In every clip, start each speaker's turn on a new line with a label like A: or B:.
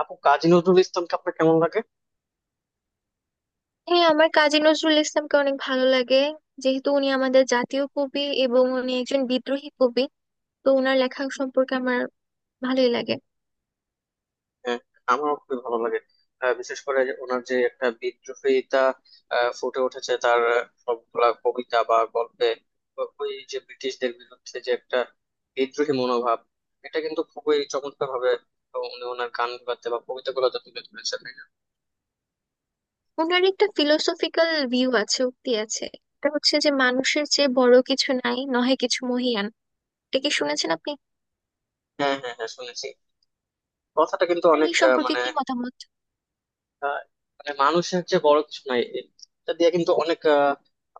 A: আপু, কাজী নজরুল ইসলামকে আপনার কেমন লাগে?
B: হ্যাঁ, আমার কাজী নজরুল ইসলামকে অনেক ভালো লাগে। যেহেতু উনি আমাদের জাতীয় কবি এবং উনি একজন বিদ্রোহী কবি, তো ওনার লেখা সম্পর্কে আমার ভালোই লাগে।
A: হ্যাঁ, আমারও খুবই ভালো লাগে। বিশেষ করে যে ওনার যে একটা বিদ্রোহিতা ফুটে উঠেছে তার সবগুলা কবিতা বা গল্পে। ওই যে ব্রিটিশদের বিরুদ্ধে যে একটা বিদ্রোহী মনোভাব, এটা কিন্তু খুবই চমৎকার ভাবে উনি ওনার গান গুলাতে বা কবিতা গুলাতে তুলে ধরেছেন, তাই না?
B: ওনার একটা ফিলোসফিক্যাল ভিউ আছে, উক্তি আছে। এটা হচ্ছে যে, মানুষের চেয়ে বড় কিছু নাই, নহে কিছু মহিয়ান। এটা কি শুনেছেন আপনি?
A: হ্যাঁ হ্যাঁ হ্যাঁ, শুনেছি। কথাটা কিন্তু
B: আপনার
A: অনেক
B: এই
A: আহ,
B: সম্পর্কে
A: মানে
B: কি মতামত?
A: আহ, মানে মানুষের যে বড় কিছু নাই, এটা দিয়ে কিন্তু অনেক আহ,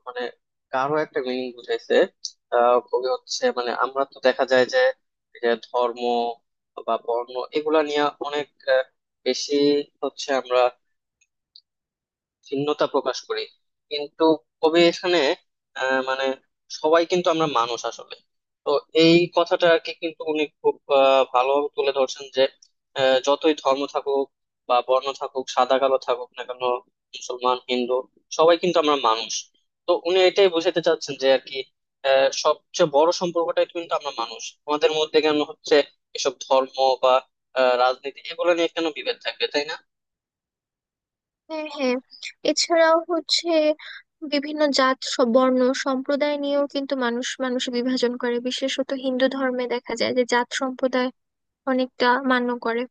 A: মানে গাঢ় একটা মিনিং বুঝাইছে। কবি হচ্ছে, মানে আমরা তো দেখা যায় যে এই যে ধর্ম বা বর্ণ এগুলা নিয়ে অনেক আহ, বেশি হচ্ছে আমরা ভিন্নতা প্রকাশ করি, কিন্তু কবি এখানে মানে সবাই কিন্তু আমরা মানুষ আসলে। তো এই কথাটা আর কি কিন্তু উনি খুব ভালোভাবে তুলে ধরছেন যে যতই ধর্ম থাকুক বা বর্ণ থাকুক, সাদা কালো থাকুক না কেন, মুসলমান হিন্দু, সবাই কিন্তু আমরা মানুষ। তো উনি এটাই বোঝাতে চাচ্ছেন যে আর কি সবচেয়ে বড় সম্পর্কটাই কিন্তু আমরা মানুষ। আমাদের মধ্যে কেন হচ্ছে এসব ধর্ম বা রাজনীতি এগুলো নিয়ে কেন বিভেদ থাকবে, তাই না?
B: হ্যাঁ হ্যাঁ, এছাড়াও হচ্ছে বিভিন্ন জাত বর্ণ সম্প্রদায় নিয়েও কিন্তু মানুষ মানুষ বিভাজন করে। বিশেষত হিন্দু ধর্মে দেখা যায় যে জাত সম্প্রদায় অনেকটা মান্য করে।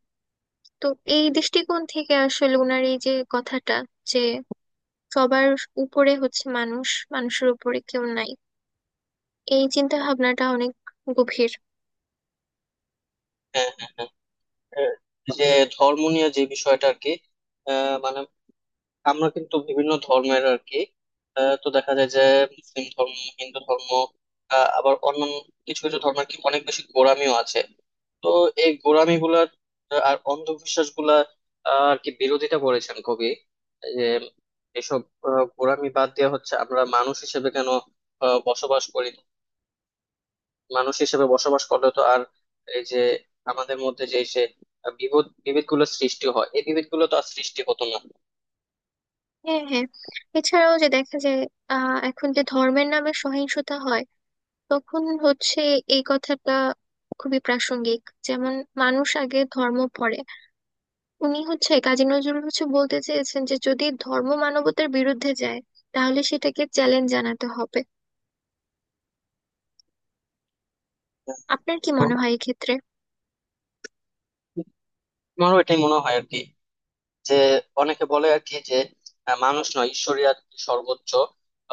B: তো এই দৃষ্টিকোণ থেকে আসলে ওনার এই যে কথাটা, যে সবার উপরে হচ্ছে মানুষ, মানুষের উপরে কেউ নাই, এই চিন্তা ভাবনাটা অনেক গভীর।
A: হ্যাঁ হ্যাঁ হ্যাঁ। আহ, যে ধর্ম নিয়ে যে বিষয়টা আর কি মানে আমরা কিন্তু বিভিন্ন ধর্মের আর কি তো দেখা যায় যে মুসলিম ধর্ম, হিন্দু ধর্ম, আবার অন্যান্য কিছু কিছু ধর্মের কি অনেক বেশি গোঁড়ামিও আছে। তো এই গোঁড়ামি গুলার আর অন্ধবিশ্বাস গুলা আর কি বিরোধিতা করেছেন কবি, যে এসব গোঁড়ামি বাদ দেওয়া হচ্ছে, আমরা মানুষ হিসেবে কেন বসবাস করি না, মানুষ হিসেবে বসবাস করলে তো আর এই যে আমাদের মধ্যে যে সে বিভেদ বিভেদ গুলো সৃষ্টি হয়, এই বিভেদ গুলো তো আর সৃষ্টি হতো না।
B: হ্যাঁ হ্যাঁ, এছাড়াও যে দেখা যায় এখন যে ধর্মের নামে সহিংসতা হয়, তখন হচ্ছে এই কথাটা খুবই প্রাসঙ্গিক। যেমন, মানুষ আগে ধর্ম পড়ে। উনি হচ্ছে, কাজী নজরুল হচ্ছে বলতে চেয়েছেন যে, যদি ধর্ম মানবতার বিরুদ্ধে যায়, তাহলে সেটাকে চ্যালেঞ্জ জানাতে হবে। আপনার কি
A: তো
B: মনে হয় এক্ষেত্রে?
A: আমারও এটাই মনে হয় আর কি, যে অনেকে বলে আর কি যে মানুষ নয় ঈশ্বরই আর কি সর্বোচ্চ,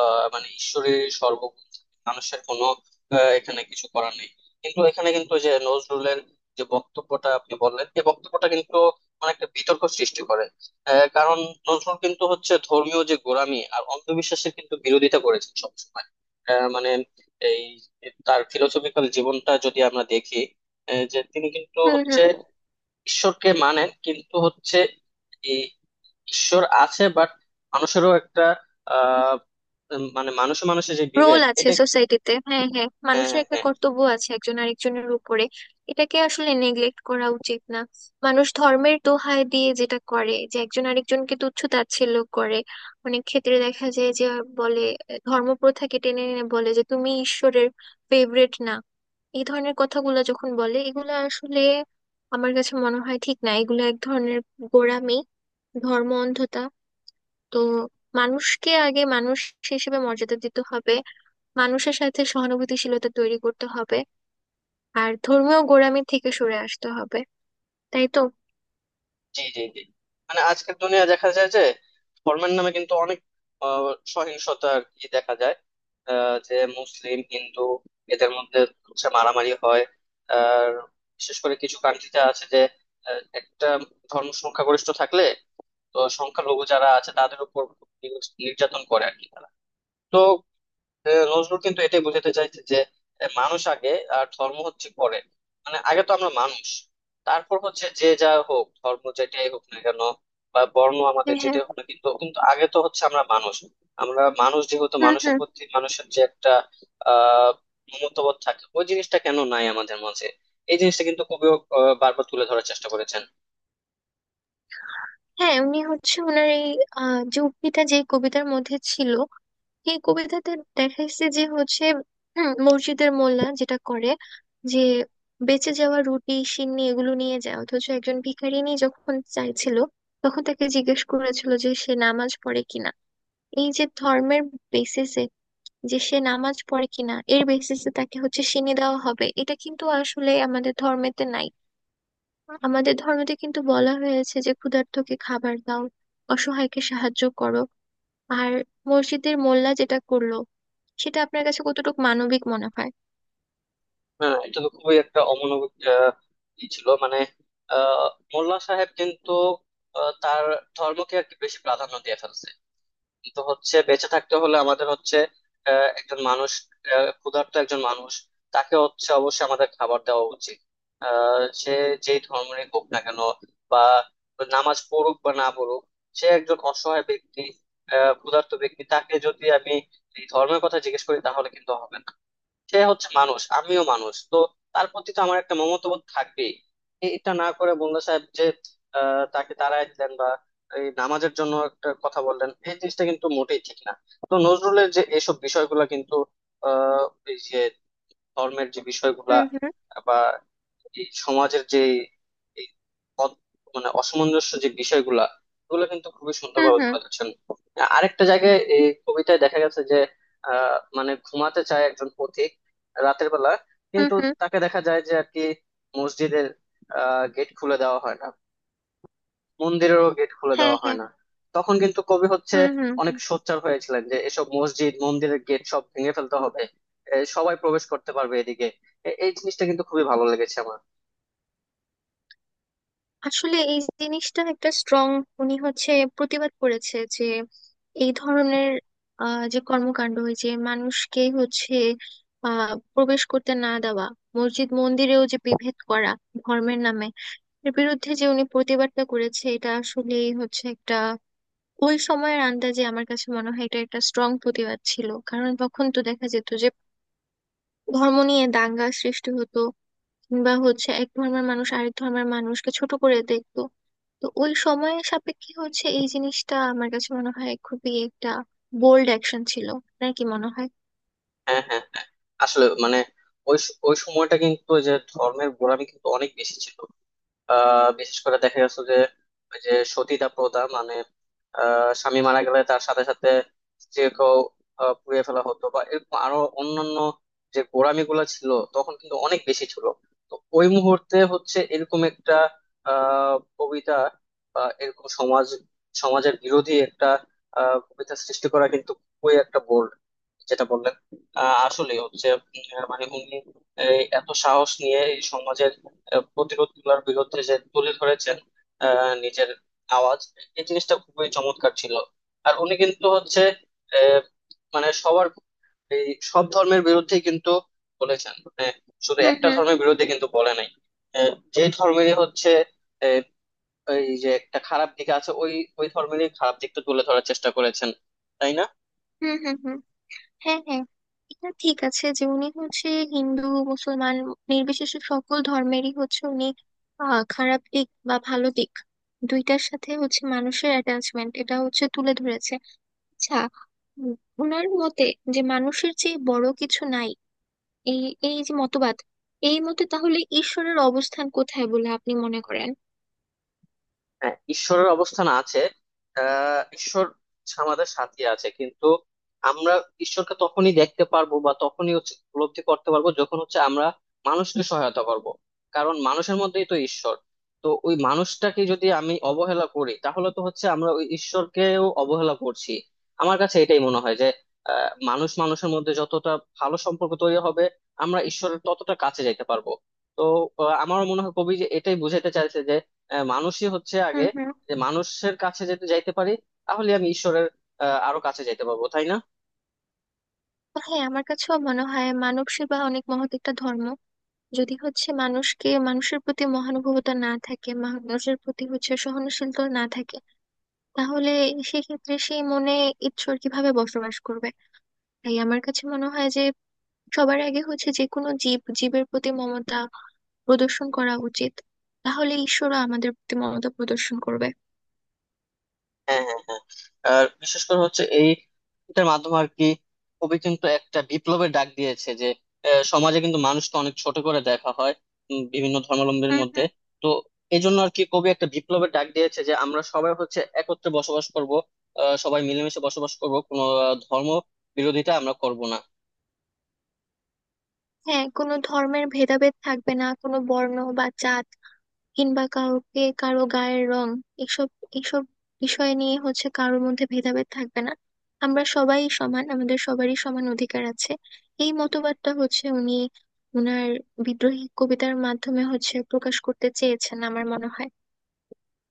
A: মানে ঈশ্বরের সর্বগুণ, মানুষের কোনো এখানে কিছু করার নেই। কিন্তু এখানে কিন্তু যে নজরুলের যে বক্তব্যটা আপনি বললেন, এই বক্তব্যটা কিন্তু মানে একটা বিতর্ক সৃষ্টি করে। কারণ নজরুল কিন্তু হচ্ছে ধর্মীয় যে গোঁড়ামি আর অন্ধবিশ্বাসের কিন্তু বিরোধিতা করেছেন সবসময়। মানে এই তার ফিলোসফিক্যাল জীবনটা যদি আমরা দেখি, যে তিনি কিন্তু
B: হুম হুম।
A: হচ্ছে ঈশ্বরকে মানেন, কিন্তু হচ্ছে ঈশ্বর আছে বাট মানুষেরও একটা আহ মানে মানুষে মানুষে যে
B: রোল
A: বিভেদ
B: আছে
A: এটা।
B: সোসাইটিতে। হ্যাঁ হ্যাঁ,
A: হ্যাঁ
B: মানুষের একটা
A: হ্যাঁ।
B: কর্তব্য আছে একজন আরেকজনের উপরে। এটাকে আসলে নেগলেক্ট করা উচিত না। মানুষ ধর্মের দোহাই দিয়ে যেটা করে, যে একজন আরেকজনকে তুচ্ছ তাচ্ছিল্য করে, অনেক ক্ষেত্রে দেখা যায় যে বলে, ধর্ম প্রথাকে টেনে এনে বলে যে, তুমি ঈশ্বরের ফেভারিট না। এই ধরনের কথাগুলো যখন বলে, এগুলো আসলে আমার কাছে মনে হয় ঠিক না। এগুলো এক ধরনের গোঁড়ামি, ধর্ম অন্ধতা। তো মানুষকে আগে মানুষ হিসেবে মর্যাদা দিতে হবে, মানুষের সাথে সহানুভূতিশীলতা তৈরি করতে হবে, আর ধর্মীয় গোঁড়ামি থেকে সরে আসতে হবে। তাই তো?
A: জি জি জি। মানে আজকের দুনিয়া দেখা যায় যে ধর্মের নামে কিন্তু অনেক আহ, সহিংসতা আর কি দেখা যায়। যে মুসলিম হিন্দু এদের মধ্যে হচ্ছে মারামারি হয়। আর বিশেষ করে কিছু কান্ট্রিতে আছে যে একটা ধর্ম সংখ্যাগরিষ্ঠ থাকলে তো সংখ্যালঘু যারা আছে তাদের উপর নির্যাতন করে আর কি তারা। তো নজরুল কিন্তু এটাই বোঝাতে চাইছে যে মানুষ আগে আর ধর্ম হচ্ছে পরে। মানে আগে তো আমরা মানুষ, তারপর হচ্ছে যে যা হোক ধর্ম যেটাই হোক না কেন বা বর্ণ আমাদের
B: হ্যাঁ হ্যাঁ।
A: যেটাই হোক না, কিন্তু কিন্তু আগে তো হচ্ছে আমরা মানুষ। আমরা মানুষ যেহেতু
B: হুম
A: মানুষের
B: হুম।
A: প্রতি মানুষের যে একটা আহ মমতাবোধ থাকে, ওই জিনিসটা কেন নাই আমাদের মাঝে? এই জিনিসটা কিন্তু কবিও বারবার তুলে ধরার চেষ্টা করেছেন।
B: হ্যাঁ, উনি হচ্ছে ওনার এই যে উক্তিটা যে কবিতার মধ্যে ছিল, এই কবিতাতে দেখাইছে যে হচ্ছে, মসজিদের মোল্লা যেটা করে, যে বেঁচে যাওয়া রুটি সিন্নি এগুলো নিয়ে যায়, অথচ একজন ভিখারিনী যখন চাইছিল, তখন তাকে জিজ্ঞেস করেছিল যে সে নামাজ পড়ে কিনা। এই যে ধর্মের বেসিসে, যে সে নামাজ পড়ে কিনা, এর বেসিসে তাকে হচ্ছে শিনি দেওয়া হবে, এটা কিন্তু আসলে আমাদের ধর্মেতে নাই। আমাদের ধর্মেতে কিন্তু বলা হয়েছে যে, ক্ষুধার্তকে খাবার দাও, অসহায়কে সাহায্য করো। আর মসজিদের মোল্লা যেটা করলো, সেটা আপনার কাছে কতটুকু মানবিক মনে হয়?
A: হ্যাঁ, এটা তো খুবই একটা অমানবিক ই ছিল, মানে আহ, মোল্লা সাহেব কিন্তু তার ধর্মকে একটু বেশি প্রাধান্য দিয়ে ফেলছে। কিন্তু হচ্ছে বেঁচে থাকতে হলে আমাদের হচ্ছে একজন মানুষ, ক্ষুধার্ত একজন মানুষ, তাকে হচ্ছে অবশ্যই আমাদের খাবার দেওয়া উচিত। সে যেই ধর্মেরই হোক না কেন বা নামাজ পড়ুক বা না পড়ুক, সে একজন অসহায় ব্যক্তি, ক্ষুধার্ত ব্যক্তি। তাকে যদি আমি এই ধর্মের কথা জিজ্ঞেস করি তাহলে কিন্তু হবে না। সে হচ্ছে মানুষ, আমিও মানুষ, তো তার প্রতি তো আমার একটা মমত্ববোধ থাকবেই। এটা না করে মোল্লা সাহেব যে তাকে তাড়ায় দিলেন বা এই নামাজের জন্য একটা কথা বললেন, এই জিনিসটা কিন্তু মোটেই ঠিক না। তো নজরুলের যে এইসব বিষয়গুলো কিন্তু আহ এই যে ধর্মের যে বিষয়গুলা
B: হুম হুম
A: বা এই সমাজের যে এই অত- মানে অসামঞ্জস্য যে বিষয়গুলা, এগুলো কিন্তু খুবই
B: হুম।
A: সুন্দরভাবে
B: হুম
A: তুলে ধরছেন। আরেকটা জায়গায় এই কবিতায় দেখা গেছে যে মানে ঘুমাতে চায় একজন পথিক রাতের বেলা,
B: হুম
A: কিন্তু
B: হুম।
A: তাকে দেখা যায় যে আর কি মসজিদের গেট খুলে দেওয়া হয় না, মন্দিরেরও গেট খুলে
B: হ্যাঁ
A: দেওয়া হয়
B: হ্যাঁ।
A: না। তখন কিন্তু কবি হচ্ছে
B: হুম হুম
A: অনেক
B: হুম।
A: সোচ্চার হয়েছিলেন যে এসব মসজিদ মন্দিরের গেট সব ভেঙে ফেলতে হবে, সবাই প্রবেশ করতে পারবে এদিকে। এই জিনিসটা কিন্তু খুবই ভালো লেগেছে আমার।
B: আসলে এই জিনিসটা একটা স্ট্রং, উনি হচ্ছে প্রতিবাদ করেছে, যে এই ধরনের যে কর্মকাণ্ড, ওই যে মানুষকে হচ্ছে প্রবেশ করতে না দেওয়া, মসজিদ মন্দিরেও যে বিভেদ করা ধর্মের নামে, এর বিরুদ্ধে যে উনি প্রতিবাদটা করেছে, এটা আসলে হচ্ছে একটা, ওই সময়ের আন্দাজে আমার কাছে মনে হয় এটা একটা স্ট্রং প্রতিবাদ ছিল। কারণ তখন তো দেখা যেত যে ধর্ম নিয়ে দাঙ্গা সৃষ্টি হতো, কিংবা হচ্ছে এক ধর্মের মানুষ আরেক ধর্মের মানুষকে ছোট করে দেখতো। তো ওই সময়ের সাপেক্ষে হচ্ছে এই জিনিসটা আমার কাছে মনে হয় খুবই একটা বোল্ড অ্যাকশন ছিল। আপনার কি মনে হয়?
A: হ্যাঁ হ্যাঁ হ্যাঁ। আসলে মানে ওই সময়টা কিন্তু ওই যে ধর্মের গোড়ামি কিন্তু অনেক বেশি ছিল। বিশেষ করে দেখা গেছে যে ওই যে সতীদাহ প্রথা, মানে স্বামী মারা গেলে তার সাথে সাথে স্ত্রীকেও পুড়িয়ে ফেলা হতো, বা এরকম আরো অন্যান্য যে গোঁড়ামি গুলা ছিল তখন কিন্তু অনেক বেশি ছিল। তো ওই মুহূর্তে হচ্ছে এরকম একটা কবিতা বা এরকম সমাজ, সমাজের বিরোধী একটা কবিতা সৃষ্টি করা কিন্তু খুবই একটা বোল্ড, যেটা বললেন। আসলে হচ্ছে মানে উনি এই এত সাহস নিয়ে এই সমাজের প্রতিরোধ গুলার বিরুদ্ধে যে তুলে ধরেছেন নিজের আওয়াজ, এই জিনিসটা খুবই চমৎকার ছিল। আর উনি কিন্তু হচ্ছে আহ, মানে সবার এই সব ধর্মের বিরুদ্ধে কিন্তু বলেছেন, মানে শুধু
B: হুম
A: একটা
B: হুম
A: ধর্মের বিরুদ্ধে কিন্তু বলে নাই। যে ধর্মেরই হচ্ছে আহ, এই যে একটা খারাপ দিক আছে, ওই ওই ধর্মেরই খারাপ দিকটা তুলে ধরার চেষ্টা করেছেন, তাই না?
B: হুম। হুম হুম। হ্যাঁ হ্যাঁ, এটা ঠিক আছে যে উনি হচ্ছে হিন্দু মুসলমান নির্বিশেষে সকল ধর্মেরই হচ্ছে উনি আহ খারাপ দিক বা ভালো দিক দুইটার সাথে হচ্ছে মানুষের অ্যাটাচমেন্ট এটা হচ্ছে তুলে ধরেছে। আচ্ছা, উম, ওনার মতে যে মানুষের চেয়ে বড় কিছু নাই, এই এই যে মতবাদ, এই মতে তাহলে ঈশ্বরের অবস্থান কোথায় বলে আপনি মনে করেন?
A: হ্যাঁ, ঈশ্বরের অবস্থান আছে। ঈশ্বর আমাদের সাথে আছে, কিন্তু আমরা ঈশ্বরকে তখনই দেখতে পারবো বা তখনই হচ্ছে উপলব্ধি করতে পারবো যখন হচ্ছে আমরা মানুষকে সহায়তা করব। কারণ মানুষের মধ্যেই তো ঈশ্বর। তো ওই মানুষটাকে যদি আমি অবহেলা করি তাহলে তো হচ্ছে আমরা ওই ঈশ্বরকেও অবহেলা করছি। আমার কাছে এটাই মনে হয় যে মানুষ মানুষের মধ্যে যতটা ভালো সম্পর্ক তৈরি হবে, আমরা ঈশ্বরের ততটা কাছে যেতে পারবো। তো আমারও মনে হয় কবি যে এটাই বুঝাতে চাইছে, মানুষই হচ্ছে আগে।
B: হুম হুম।
A: যে মানুষের কাছে যদি যাইতে পারি, তাহলে আমি ঈশ্বরের আরো কাছে যাইতে পারবো, তাই না?
B: হ্যাঁ, আমার কাছেও মনে হয় মানব সেবা অনেক মহৎ একটা ধর্ম। যদি হচ্ছে মানুষকে, মানুষের প্রতি মহানুভবতা না থাকে, মানুষের প্রতি হচ্ছে সহনশীলতা না থাকে, তাহলে সেক্ষেত্রে সেই মনে ঈশ্বর কিভাবে বসবাস করবে? তাই আমার কাছে মনে হয় যে, সবার আগে হচ্ছে যে কোনো জীব, জীবের প্রতি মমতা প্রদর্শন করা উচিত। তাহলে ঈশ্বরও আমাদের প্রতি মমতা প্রদর্শন করবে।
A: হ্যাঁ হ্যাঁ হ্যাঁ। আর বিশেষ করে হচ্ছে এই এটার মাধ্যমে আর কি কবি কিন্তু একটা বিপ্লবের ডাক দিয়েছে যে সমাজে কিন্তু মানুষকে অনেক ছোট করে দেখা হয় বিভিন্ন ধর্মাবলম্বীর
B: হুম
A: মধ্যে।
B: হুম।
A: তো এই জন্য আর কি কবি একটা বিপ্লবের ডাক দিয়েছে যে আমরা সবাই হচ্ছে একত্রে বসবাস করব, সবাই মিলেমিশে বসবাস করব, কোনো ধর্ম বিরোধিতা আমরা করব না।
B: হ্যাঁ, কোনো ধর্মের ভেদাভেদ থাকবে না, কোনো বর্ণ বা জাত, কিংবা কাউকে কারো গায়ের রং, এসব এসব বিষয় নিয়ে হচ্ছে কারোর মধ্যে ভেদাভেদ থাকবে না। আমরা সবাই সমান, আমাদের সবারই সমান অধিকার আছে। এই মতবাদটা হচ্ছে উনি ওনার বিদ্রোহী কবিতার মাধ্যমে হচ্ছে প্রকাশ করতে চেয়েছেন আমার মনে হয়।